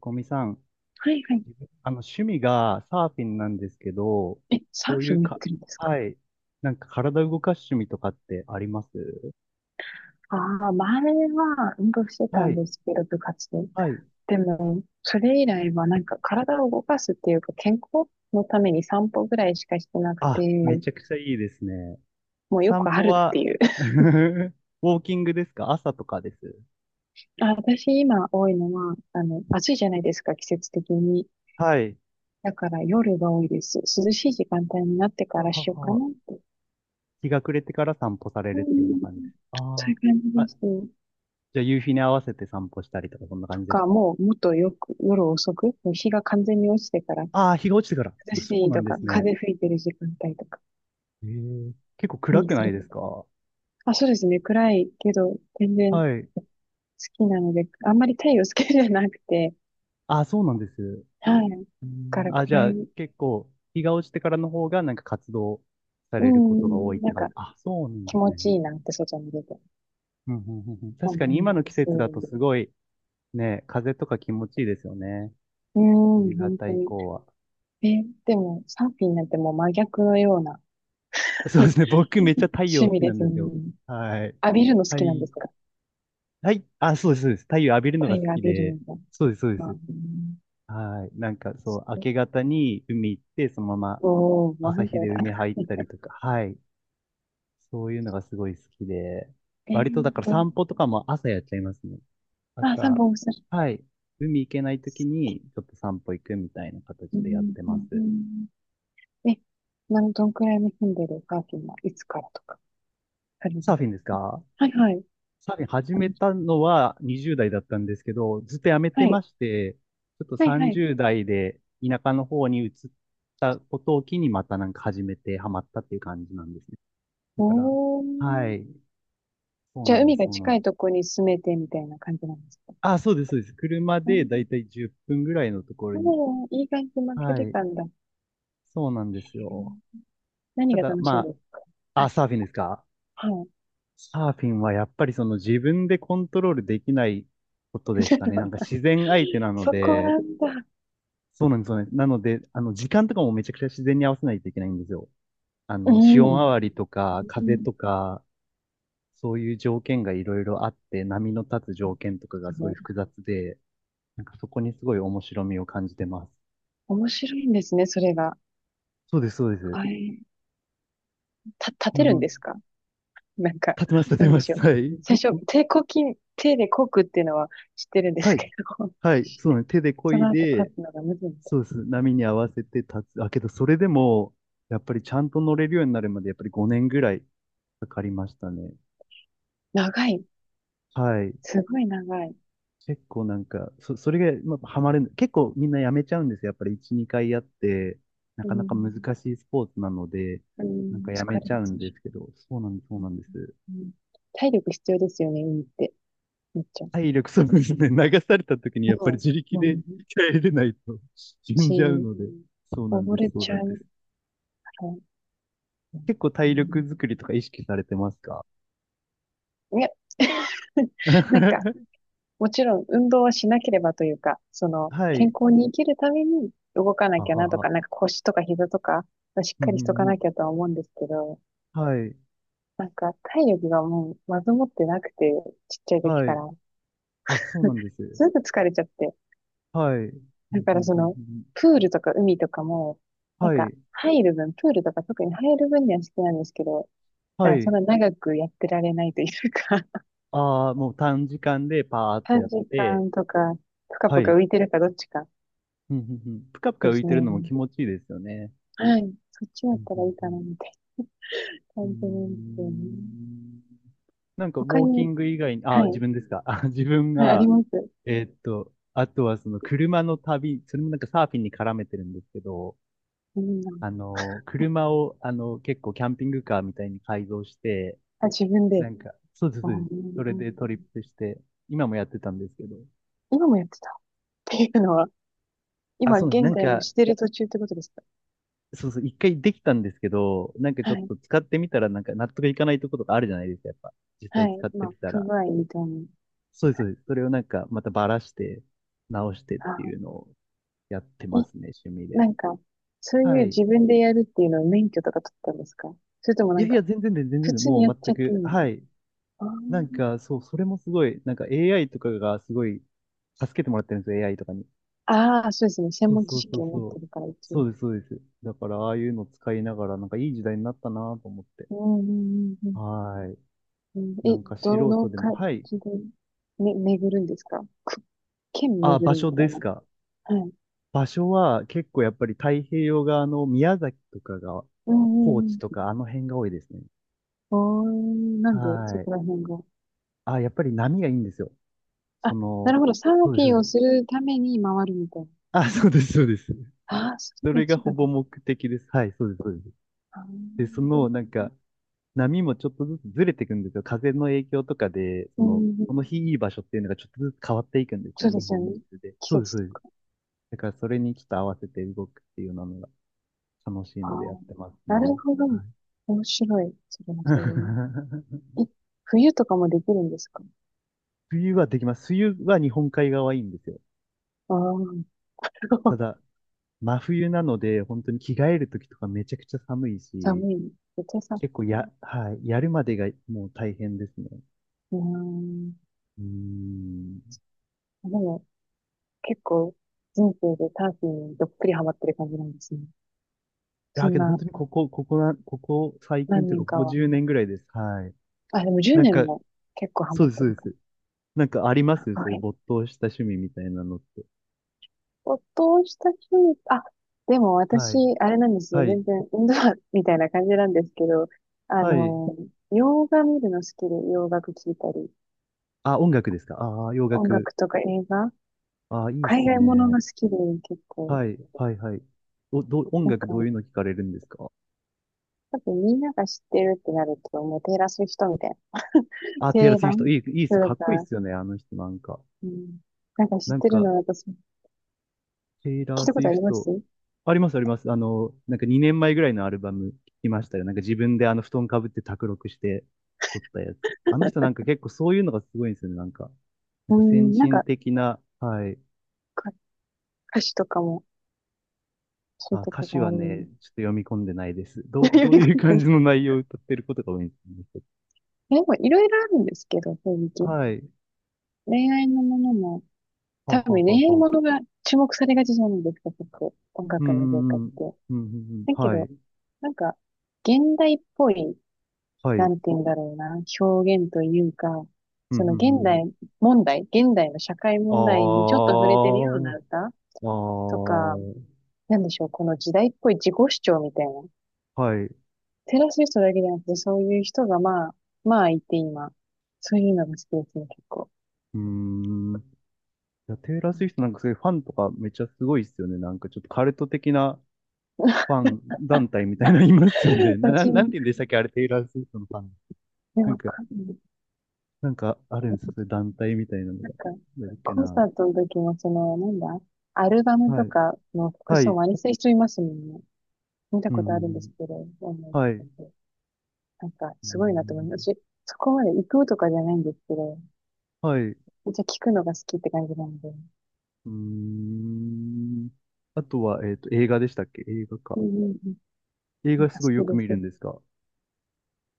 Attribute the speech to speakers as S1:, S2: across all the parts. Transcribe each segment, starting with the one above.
S1: こみさん、
S2: はいはい。
S1: 自分趣味がサーフィンなんですけど、
S2: え、サ
S1: そ
S2: ー
S1: うい
S2: フ
S1: う
S2: ィンやっ
S1: か、
S2: てるんですか？
S1: はい、なんか体動かす趣味とかってあります？
S2: ああ前は運動してた
S1: は
S2: ん
S1: い、
S2: ですけど、部活で。
S1: はい。
S2: でも、それ以来はなんか体を動かすっていうか、健康のために散歩ぐらいしかしてなくて、
S1: あ、めちゃくちゃいいですね。
S2: もうよ
S1: 散
S2: くあ
S1: 歩
S2: るって
S1: は、
S2: いう。
S1: ウォーキングですか？朝とかです？
S2: あ、私今多いのは、暑いじゃないですか、季節的に。
S1: はい。
S2: だから夜が多いです。涼しい時間帯になって
S1: は
S2: から
S1: は
S2: しようか
S1: は。
S2: なって。
S1: 日が暮れてから散歩され
S2: う
S1: るっていうような
S2: ん、
S1: 感じです？
S2: そうい
S1: あ
S2: う感じ
S1: あ。
S2: で
S1: あ、
S2: す。
S1: じゃあ夕日に合わせて散歩したりとか、そんな
S2: と
S1: 感じです
S2: か、
S1: か？
S2: もうもっとよく夜遅く、もう日が完全に落ちてから
S1: ああー、日が落ちてから。
S2: 涼
S1: あ、そ
S2: し
S1: う
S2: い
S1: な
S2: と
S1: んで
S2: か、
S1: すね。
S2: 風吹いてる時間帯とか
S1: ええ、結構暗
S2: に
S1: く
S2: す
S1: ない
S2: る。
S1: ですか？
S2: あ、そうですね。暗いけど、全然好
S1: はい。
S2: きなので、あんまり太陽好きじゃなくて、
S1: あ、そうなんです。
S2: はい。だ
S1: う
S2: か
S1: ん、
S2: ら
S1: あ、じ
S2: 暗
S1: ゃあ、
S2: い、
S1: 結構、日が落ちてからの方が、なんか活動さ
S2: う
S1: れることが多
S2: ん、
S1: いっ
S2: な
S1: て
S2: ん
S1: 感
S2: か
S1: じ。あ、そうなんで
S2: 気
S1: す
S2: 持
S1: ね。
S2: ちいいなって外に出て
S1: うんうんうんうん、
S2: 思
S1: 確かに
S2: い
S1: 今
S2: ま
S1: の季
S2: す。
S1: 節だとすごい、ね、風とか気持ちいいですよね。
S2: うん、
S1: 夕
S2: 本
S1: 方
S2: 当
S1: 以
S2: に。
S1: 降は。
S2: え、でも、サーフィンなんてもう真逆のような
S1: そうですね。僕めっちゃ太陽
S2: 趣
S1: 好
S2: 味
S1: きな
S2: で
S1: ん
S2: す
S1: で
S2: ね。
S1: すよ。はい。
S2: 浴びるの好
S1: は
S2: きなんで
S1: い。
S2: すか？
S1: はい。あ、そうです、そうです。太陽浴びるの
S2: 太
S1: が好
S2: 陽浴
S1: き
S2: びるの
S1: で。
S2: が。
S1: そうです、そうで
S2: あー
S1: す。
S2: うん
S1: はい。なんかそう、明け方に海行って、そのまま
S2: おー、もう
S1: 朝
S2: 反
S1: 日
S2: 対
S1: で
S2: だ。
S1: 海入ったりとか。はい。そういうのがすごい好きで、
S2: え
S1: 割とだ
S2: ー
S1: から
S2: と、
S1: 散歩とかも朝やっちゃいますね。
S2: あ、三
S1: 朝、
S2: 本おる。
S1: はい、海行けない時にちょっと散歩行くみたいな
S2: う
S1: 形でやっ
S2: ん
S1: て
S2: う
S1: ま
S2: んう
S1: す。
S2: んうんえ、なん、どんくらいの頻度でサーフィンはいつからとかされる
S1: サーフ
S2: の？
S1: ィンですか？
S2: はいはい。
S1: サーフィン始
S2: は
S1: めたのは20代だったんですけど、ずっとやめてま
S2: い。
S1: して、ちょっと
S2: はいはい。
S1: 30代で田舎の方に移ったことを機にまたなんか始めてハマったっていう感じなんですね。だから、
S2: おー。
S1: はい、そう
S2: じゃ
S1: な
S2: あ、
S1: んで
S2: 海
S1: す、
S2: が
S1: そうなんで
S2: 近
S1: す。
S2: いとこに住めてみたいな感じなんですか？
S1: あ、そうです、そうです。車
S2: う
S1: で
S2: ん。
S1: だいたい10分ぐらいのところに。
S2: もう、いい感じの距
S1: は
S2: 離
S1: い。
S2: 感だ。っ
S1: そうなんですよ。
S2: け何
S1: た
S2: が
S1: だ、
S2: 楽しい
S1: ま
S2: ですか？
S1: あ、
S2: は
S1: あ、
S2: い。
S1: サーフィンですか？
S2: はい。
S1: サーフィンはやっぱりその自分でコントロールできないことですかね。なんか自然相手なの
S2: そこ
S1: で、
S2: なんだ。
S1: そうなんですよね。なので、あの、時間とかもめちゃくちゃ自然に合わせないといけないんですよ。あ
S2: う
S1: の、潮
S2: ん。
S1: 回りとか、
S2: う
S1: 風
S2: ん
S1: とか、そういう条件がいろいろあって、波の立つ条件とか
S2: す
S1: がす
S2: ご
S1: ごい
S2: い。
S1: 複雑で、なんかそこにすごい面白みを感じてます。
S2: 面白いんですね、それが。
S1: そうです、そうです。
S2: はい。た、立
S1: あ
S2: てるん
S1: の、
S2: ですか？ なんか、
S1: 立てます、立
S2: な
S1: て
S2: んで
S1: ま
S2: しょ
S1: す。
S2: う。
S1: はい。
S2: 最初、手こき、手でこくっていうのは知ってるんで
S1: は
S2: す
S1: い。
S2: けど、
S1: はい。そうね。手で 漕
S2: そ
S1: い
S2: の後
S1: で、
S2: 立つのがむずいみたい。
S1: そうです。波に合わせて立つ。あ、けど、それでも、やっぱりちゃんと乗れるようになるまで、やっぱり5年ぐらいかかりましたね。
S2: 長い。
S1: はい。
S2: すごい長い。
S1: 結構なんか、それが、まあ、ハマれる、結構みんなやめちゃうんですよ。やっぱり1、2回やって、な
S2: う
S1: かなか難
S2: ん、
S1: しいスポーツなので、
S2: う
S1: なん
S2: ん、
S1: かやめ
S2: 疲れ
S1: ち
S2: ま
S1: ゃう
S2: す
S1: んで
S2: し。
S1: すけど、そうなんです、そうなんです。
S2: うん、体力必要ですよね、海って。めっちゃ。
S1: 体力、そうで すね。流された時にやっぱり自力
S2: うん。う
S1: で
S2: ん。
S1: 帰れないと死ん
S2: し、
S1: じゃうので、そうなんで
S2: 溺れ
S1: す、そう
S2: ち
S1: な
S2: ゃ
S1: んで
S2: う
S1: す。
S2: から。う
S1: 結構体
S2: ん
S1: 力作りとか意識されてますか？
S2: いや、なんか、もちろん運動はしなければというか、
S1: は
S2: 健
S1: い。
S2: 康に生きるために動かな
S1: あ
S2: きゃ
S1: は
S2: なとか、
S1: は。
S2: なんか腰とか膝とかはしっ
S1: うん
S2: か
S1: うん
S2: りしとか
S1: うん、
S2: なきゃとは思うんですけど、
S1: はい。
S2: なんか体力がもうまずもってなくて、ちっちゃい時
S1: は
S2: か
S1: い。
S2: ら、
S1: あ、そうなんです。
S2: すぐ疲れちゃって、
S1: はい。うんう
S2: だ
S1: ん
S2: か
S1: う
S2: らそ
S1: ん
S2: の、
S1: うん、
S2: プールとか海とかも、なん
S1: は
S2: か
S1: い。
S2: 入る分、プールとか特に入る分には好きなんですけど、だ
S1: は
S2: からそん
S1: い。
S2: な長くやってられないというか、
S1: ああ、もう短時間でパーっ と
S2: 短
S1: やっ
S2: 時
S1: て、
S2: 間とか、ぷか
S1: は
S2: ぷか
S1: い。
S2: 浮いてるかどっちか
S1: うんうんうん、ぷかぷか
S2: で
S1: 浮い
S2: す
S1: てる
S2: ね。
S1: のも気持ちいいですよね。
S2: はい。そっちだ
S1: う
S2: っ
S1: ん
S2: た
S1: う
S2: らい
S1: ん
S2: い
S1: う
S2: かな。
S1: ん、うー
S2: 本当なんですよね。
S1: ん、なんか、ウ
S2: 他
S1: ォーキ
S2: に、
S1: ング以外に、
S2: は
S1: あ、自
S2: い、
S1: 分ですか。あ、自分
S2: はい、あり
S1: が、
S2: ます。
S1: あとはその車の旅、それもなんかサーフィンに絡めてるんですけど、
S2: うん、
S1: あの、車を、あの、結構キャンピングカーみたいに改造して、
S2: あ、自分で。
S1: なんか、そうです、
S2: う
S1: そうです。それで
S2: ん、
S1: トリップして、今もやってたんですけど。
S2: 今もやってたっていうのは、
S1: あ、
S2: 今
S1: そうです。
S2: 現
S1: なん
S2: 在も
S1: か、
S2: してる途中ってことですか？
S1: そうそう、一回できたんですけど、なんかち
S2: は
S1: ょっ
S2: い、
S1: と使ってみたら、なんか納得いかないところとかあるじゃないですか、やっぱ。実際
S2: は
S1: 使
S2: い、
S1: って
S2: ま
S1: み
S2: あ、
S1: た
S2: 不
S1: ら。
S2: 具合みたいな。
S1: そうです、そうです。それをなんか、またばらして、直してっていう
S2: あ、
S1: のをやって
S2: え、
S1: ますね、趣味
S2: な
S1: で。
S2: んか、そうい
S1: は
S2: う
S1: い。
S2: 自分でやるっていうのは免許とか取ったんですか？それともな
S1: いや
S2: ん
S1: い
S2: か、
S1: や、全然で、全然
S2: 普
S1: で、
S2: 通
S1: も
S2: にやっ
S1: う
S2: ちゃ
S1: 全
S2: ってる
S1: く、
S2: みたい
S1: は
S2: な。
S1: い。
S2: あ
S1: なん
S2: ー
S1: か、そう、それもすごい、なんか AI とかがすごい助けてもらってるんですよ、AI とかに。
S2: あー、そうですね。専
S1: そう
S2: 門
S1: そ
S2: 知
S1: うそ
S2: 識
S1: う
S2: を持っ
S1: そ
S2: て
S1: う。
S2: るから一
S1: そ
S2: 応。
S1: うです、そうです。だから、ああいうの使いながら、なんかいい時代になったなと思って。
S2: うん、うん、うん、うん。
S1: はい。
S2: うん
S1: な
S2: え、
S1: んか素
S2: どの
S1: 人でも、
S2: 感
S1: はい。
S2: じで、め、巡るんですか？県
S1: あ、
S2: 巡
S1: 場
S2: るみ
S1: 所
S2: た
S1: で
S2: いな。
S1: すか。
S2: はい。
S1: 場所は結構やっぱり太平洋側の宮崎とかが、
S2: うんう
S1: 高知
S2: ん
S1: と
S2: うん。
S1: かあの辺が多いですね。
S2: おー、なんでそ
S1: はい。
S2: こら辺が。
S1: あ、やっぱり波がいいんですよ。そ
S2: あ、な
S1: の、
S2: るほど。サーフ
S1: そうです、そ
S2: ィ
S1: う
S2: ン
S1: で
S2: を
S1: す。
S2: するために回るみたいな。
S1: あ、そうです、そうです。
S2: ああ、それ
S1: そ
S2: が
S1: れが
S2: 一
S1: ほ
S2: 番。
S1: ぼ目的です。はい、そうです、そうです。
S2: あ
S1: で、そ
S2: ー
S1: の、なんか、波もちょっとずつずれていくんですよ。風の影響とかで、そ
S2: う
S1: の、
S2: んう
S1: こ
S2: ん
S1: の日いい場所っていうのがちょっとずつ変わっていくんです
S2: そ
S1: ね、
S2: うで
S1: 日
S2: すよ
S1: 本
S2: ね。
S1: 中で。
S2: 季
S1: そうです、
S2: 節
S1: そ
S2: と
S1: うです。
S2: か。
S1: だからそれにちょっと合わせて動くっていうのが楽しい
S2: あ
S1: のでやっ
S2: ー
S1: てます
S2: なる
S1: ね。
S2: ほど。
S1: はい。
S2: 面白い。それもそれね え、冬とかもできるんですか？
S1: 冬はできます。冬は日本海側はいいんですよ。
S2: ああー、
S1: た だ、真冬なので、本当に着替える時とかめちゃくちゃ寒いし、
S2: 寒い。絶対さ、
S1: 結構や、はい、やるまでがもう大変ですね。
S2: うーん。
S1: うーん。
S2: でも、結構、人生でサーフィンにどっぷりハマってる感じなんですね。
S1: い
S2: そ
S1: や、
S2: ん
S1: けど本
S2: な、
S1: 当にここ、ここな、ここ最近
S2: 何
S1: というか、
S2: 年
S1: こ
S2: か
S1: こ
S2: は。
S1: 10年ぐらいです。はい。
S2: あ、でも10
S1: なん
S2: 年
S1: か、
S2: も結構ハ
S1: そ
S2: マ
S1: う
S2: っ
S1: です、
S2: て
S1: そう
S2: る
S1: で
S2: か
S1: す。なんかありま
S2: な。
S1: す？そ
S2: は
S1: ういう
S2: い。
S1: 没頭した趣味みたいなのって。
S2: 没頭した趣味、あ、でも
S1: は
S2: 私、
S1: い。
S2: あれなんです
S1: は
S2: よ。
S1: い。
S2: 全然、運動みたいな感じなんですけど、あ
S1: はい。
S2: の、洋画見るの好きで、洋楽聴いたり、
S1: あ、音楽ですか？ああー、洋
S2: 音
S1: 楽。
S2: 楽とか映画、
S1: ああ、いいっ
S2: 海
S1: す
S2: 外もの
S1: ね。
S2: が好きで、結構、
S1: はい。はい、はい。お、どう、音
S2: なん
S1: 楽
S2: か、
S1: どういうの聞かれるんですか？
S2: 多分みんなが知ってるってなると、もうテイラー・スウィフトみたいな、
S1: あ、テイラー・
S2: 定
S1: スウィフ
S2: 番
S1: ト。いい、いいっす。か
S2: と
S1: っこいいっ
S2: か、
S1: すよね、あの人なんか。
S2: うん、なんか知っ
S1: なん
S2: てる
S1: か、
S2: の、私、聞
S1: テイラ
S2: い
S1: ー・
S2: た
S1: スウ
S2: こと
S1: ィ
S2: あ
S1: フ
S2: りま
S1: ト。
S2: す
S1: あります、あります。あの、なんか2年前ぐらいのアルバム聞きましたよ。なんか自分であの布団かぶって卓録して撮ったやつ。あの人なんか結構そういうのがすごいんですよね、なんか。なん
S2: う
S1: か先
S2: ん、なん
S1: 進
S2: か、
S1: 的な、はい。
S2: か歌詞とかも、そういう
S1: あ、
S2: と
S1: 歌
S2: こ
S1: 詞
S2: があ
S1: はね、
S2: る。
S1: ちょっと読み込んでないです。どう、
S2: よ
S1: どう
S2: りか
S1: いう感
S2: な
S1: じの内容を歌ってることが多いんですね。
S2: でもいろいろあるんですけど、正直。
S1: はい。
S2: 恋愛のものも、
S1: は
S2: 多
S1: は
S2: 分
S1: は
S2: 恋愛
S1: は。
S2: ものが注目されがちじゃないですか、結構。音
S1: う
S2: 楽の業界っ
S1: んうんう
S2: て。
S1: ん。うんうんうん。
S2: だけ
S1: はい。
S2: ど、なんか、現代っぽい、
S1: は
S2: な
S1: い。
S2: んて言うんだろうな、表現というか、
S1: うんう
S2: その
S1: んう
S2: 現
S1: ん
S2: 代問題、現代の社会
S1: うん。
S2: 問題にちょ
S1: あ
S2: っと触れてるような歌
S1: あ。あ
S2: と
S1: あ。
S2: か、なんでしょう、この時代っぽい自己主張みたいな。
S1: はい。う
S2: テラス人だけじゃなくて、そういう人がまあ、まあいて今、そういうのが好きですね、結構。
S1: ーん。いや、テイラー・スウィフトなんかそういうファンとかめっちゃすごいっすよね。なんかちょっとカルト的なファン団体みたいなのいますよ ね。な、な
S2: 私
S1: な
S2: も、
S1: んて言うんでしたっけ、あれ、テイラー・スウィフトのファン。
S2: でも
S1: なん
S2: わ
S1: か、
S2: かんない
S1: なんかある
S2: け
S1: んですよ。
S2: ど、
S1: そういう団体みたいなの
S2: な
S1: が。
S2: んか、
S1: なんだっけ
S2: コン
S1: な。
S2: サートの時も、なんだ、アルバム
S1: は
S2: と
S1: い。
S2: かの服
S1: は
S2: 装
S1: い。
S2: 真似する人いますもんね。見た
S1: う
S2: ことあるんです
S1: ん。
S2: けど、オンライン
S1: はい。
S2: とかでなんか、
S1: う
S2: すごいなと思います。
S1: ん。
S2: 私、そこまで行くとかじゃないんですけど、
S1: はい。う
S2: めっちゃ聞くのが好きって感じなんで。
S1: ーん。あとは、映画でしたっけ？映画
S2: う
S1: か。
S2: んうんうん。
S1: 映
S2: なん
S1: 画
S2: か
S1: すごいよ
S2: 好き
S1: く
S2: で
S1: 見る
S2: す。
S1: んですか？う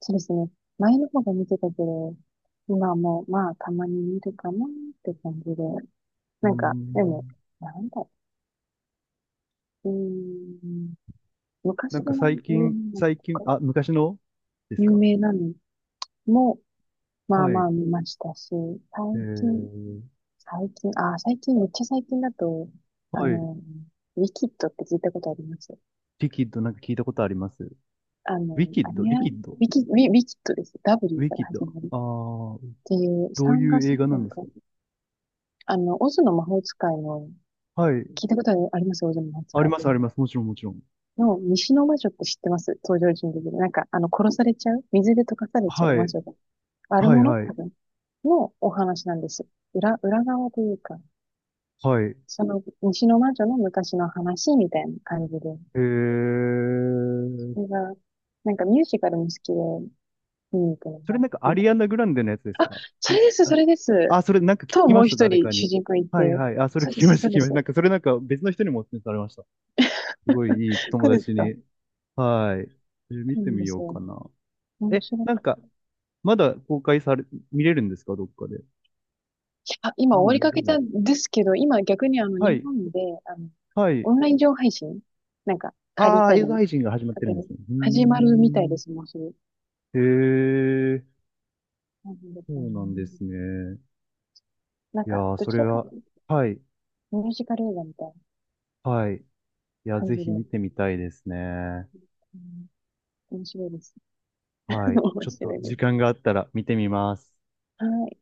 S2: そうですね。前の方が見てたけど、今はもう、まあ、たまに見るかなって感じで。
S1: ー
S2: なんか、でも、
S1: ん。
S2: なんだ、うーん。昔
S1: なん
S2: の
S1: か最
S2: 有名
S1: 近、
S2: なの
S1: 最近、
S2: とか、
S1: あ、昔のです
S2: 有
S1: か？
S2: 名なのも、まあ
S1: は
S2: ま
S1: い。
S2: あ見ましたし、
S1: え
S2: 最近、
S1: ー、
S2: 最近、あー、最近、めっちゃ最近だと、あ
S1: はい。
S2: の、ウィキッドって聞いたことあります
S1: リキッド、なんか聞いたことあります。ウ
S2: あ
S1: ィ
S2: の、
S1: キッ
S2: あれ
S1: ド、
S2: や、
S1: リキッド、
S2: ウィキ、ウィ、ウィキッドです。
S1: ウ
S2: W
S1: ィ
S2: か
S1: キ
S2: ら
S1: ッ
S2: 始
S1: ド。
S2: まる。っ
S1: ああ、
S2: ていう
S1: どう
S2: 3
S1: いう
S2: 月
S1: 映画
S2: ぐ
S1: な
S2: ら
S1: ん
S2: い
S1: です
S2: か。
S1: か？
S2: オズの魔法使いの、
S1: はい。
S2: 聞いたことありますオズの魔法
S1: あ
S2: 使
S1: り
S2: い。
S1: ます、あります。もちろん、もちろん。
S2: の、西の魔女って知ってます登場人物で。なんか、殺されちゃう水で溶かされちゃう
S1: は
S2: 魔
S1: い。
S2: 女が。悪
S1: はい、
S2: 者
S1: は
S2: 多
S1: い。
S2: 分。のお話なんです。裏、裏側というか、
S1: はい。
S2: その西の魔女の昔の話みたいな感じで。
S1: えー。
S2: それが、なんかミュージカルも好きで見に行くの
S1: それ
S2: が
S1: なんか
S2: い
S1: ア
S2: い。
S1: リアナ・グランデのやつです
S2: あ、
S1: か？
S2: そ
S1: ち
S2: れです、そ
S1: あ、
S2: れです。
S1: あ、それなんか聞
S2: と、
S1: き
S2: も
S1: ま
S2: う
S1: した、
S2: 一
S1: 誰
S2: 人
S1: か
S2: 主
S1: に。
S2: 人公いて。
S1: はいはい。あ、それ聞
S2: そうで
S1: き
S2: す、
S1: ました、
S2: そ
S1: 聞
S2: う
S1: き
S2: で
S1: ま
S2: す。
S1: した。な
S2: そ
S1: んかそれなんか別の人にもお勧めされました。すごいいい友
S2: うです
S1: 達
S2: か。
S1: に。はい。えー、見
S2: そうな
S1: て
S2: ん
S1: み
S2: で
S1: よ
S2: す
S1: う
S2: よ。
S1: かな。
S2: 面
S1: え、
S2: 白
S1: なん
S2: く。
S1: か、まだ公開され、見れるんですか？どっかで。
S2: あ、今終
S1: も
S2: わ
S1: う
S2: り
S1: 見
S2: か
S1: れ
S2: け
S1: な
S2: た
S1: い。
S2: んですけど、今逆にあの
S1: は
S2: 日
S1: い。
S2: 本で、あの、
S1: はい。
S2: オンライン上配信なんか借り
S1: ああ、
S2: たり、
S1: 映画配信が始まって
S2: 勝
S1: る
S2: 手
S1: んで
S2: に
S1: すね。うー
S2: 始まるみたいで
S1: ん。
S2: す、もうすぐ。
S1: へえ、
S2: なんで
S1: そ
S2: かな
S1: うなんですね。
S2: なん
S1: いや
S2: か、
S1: ー、
S2: ど
S1: そ
S2: ち
S1: れ
S2: らか
S1: が、
S2: と
S1: はい。
S2: ミュージカル映画みたいな
S1: はい。いや、
S2: 感
S1: ぜ
S2: じ
S1: ひ
S2: で、
S1: 見
S2: う
S1: てみたいですね。
S2: ん面白いです。
S1: は い。ち
S2: 面
S1: ょっと
S2: 白いで
S1: 時
S2: す。
S1: 間があったら見てみます。
S2: はい。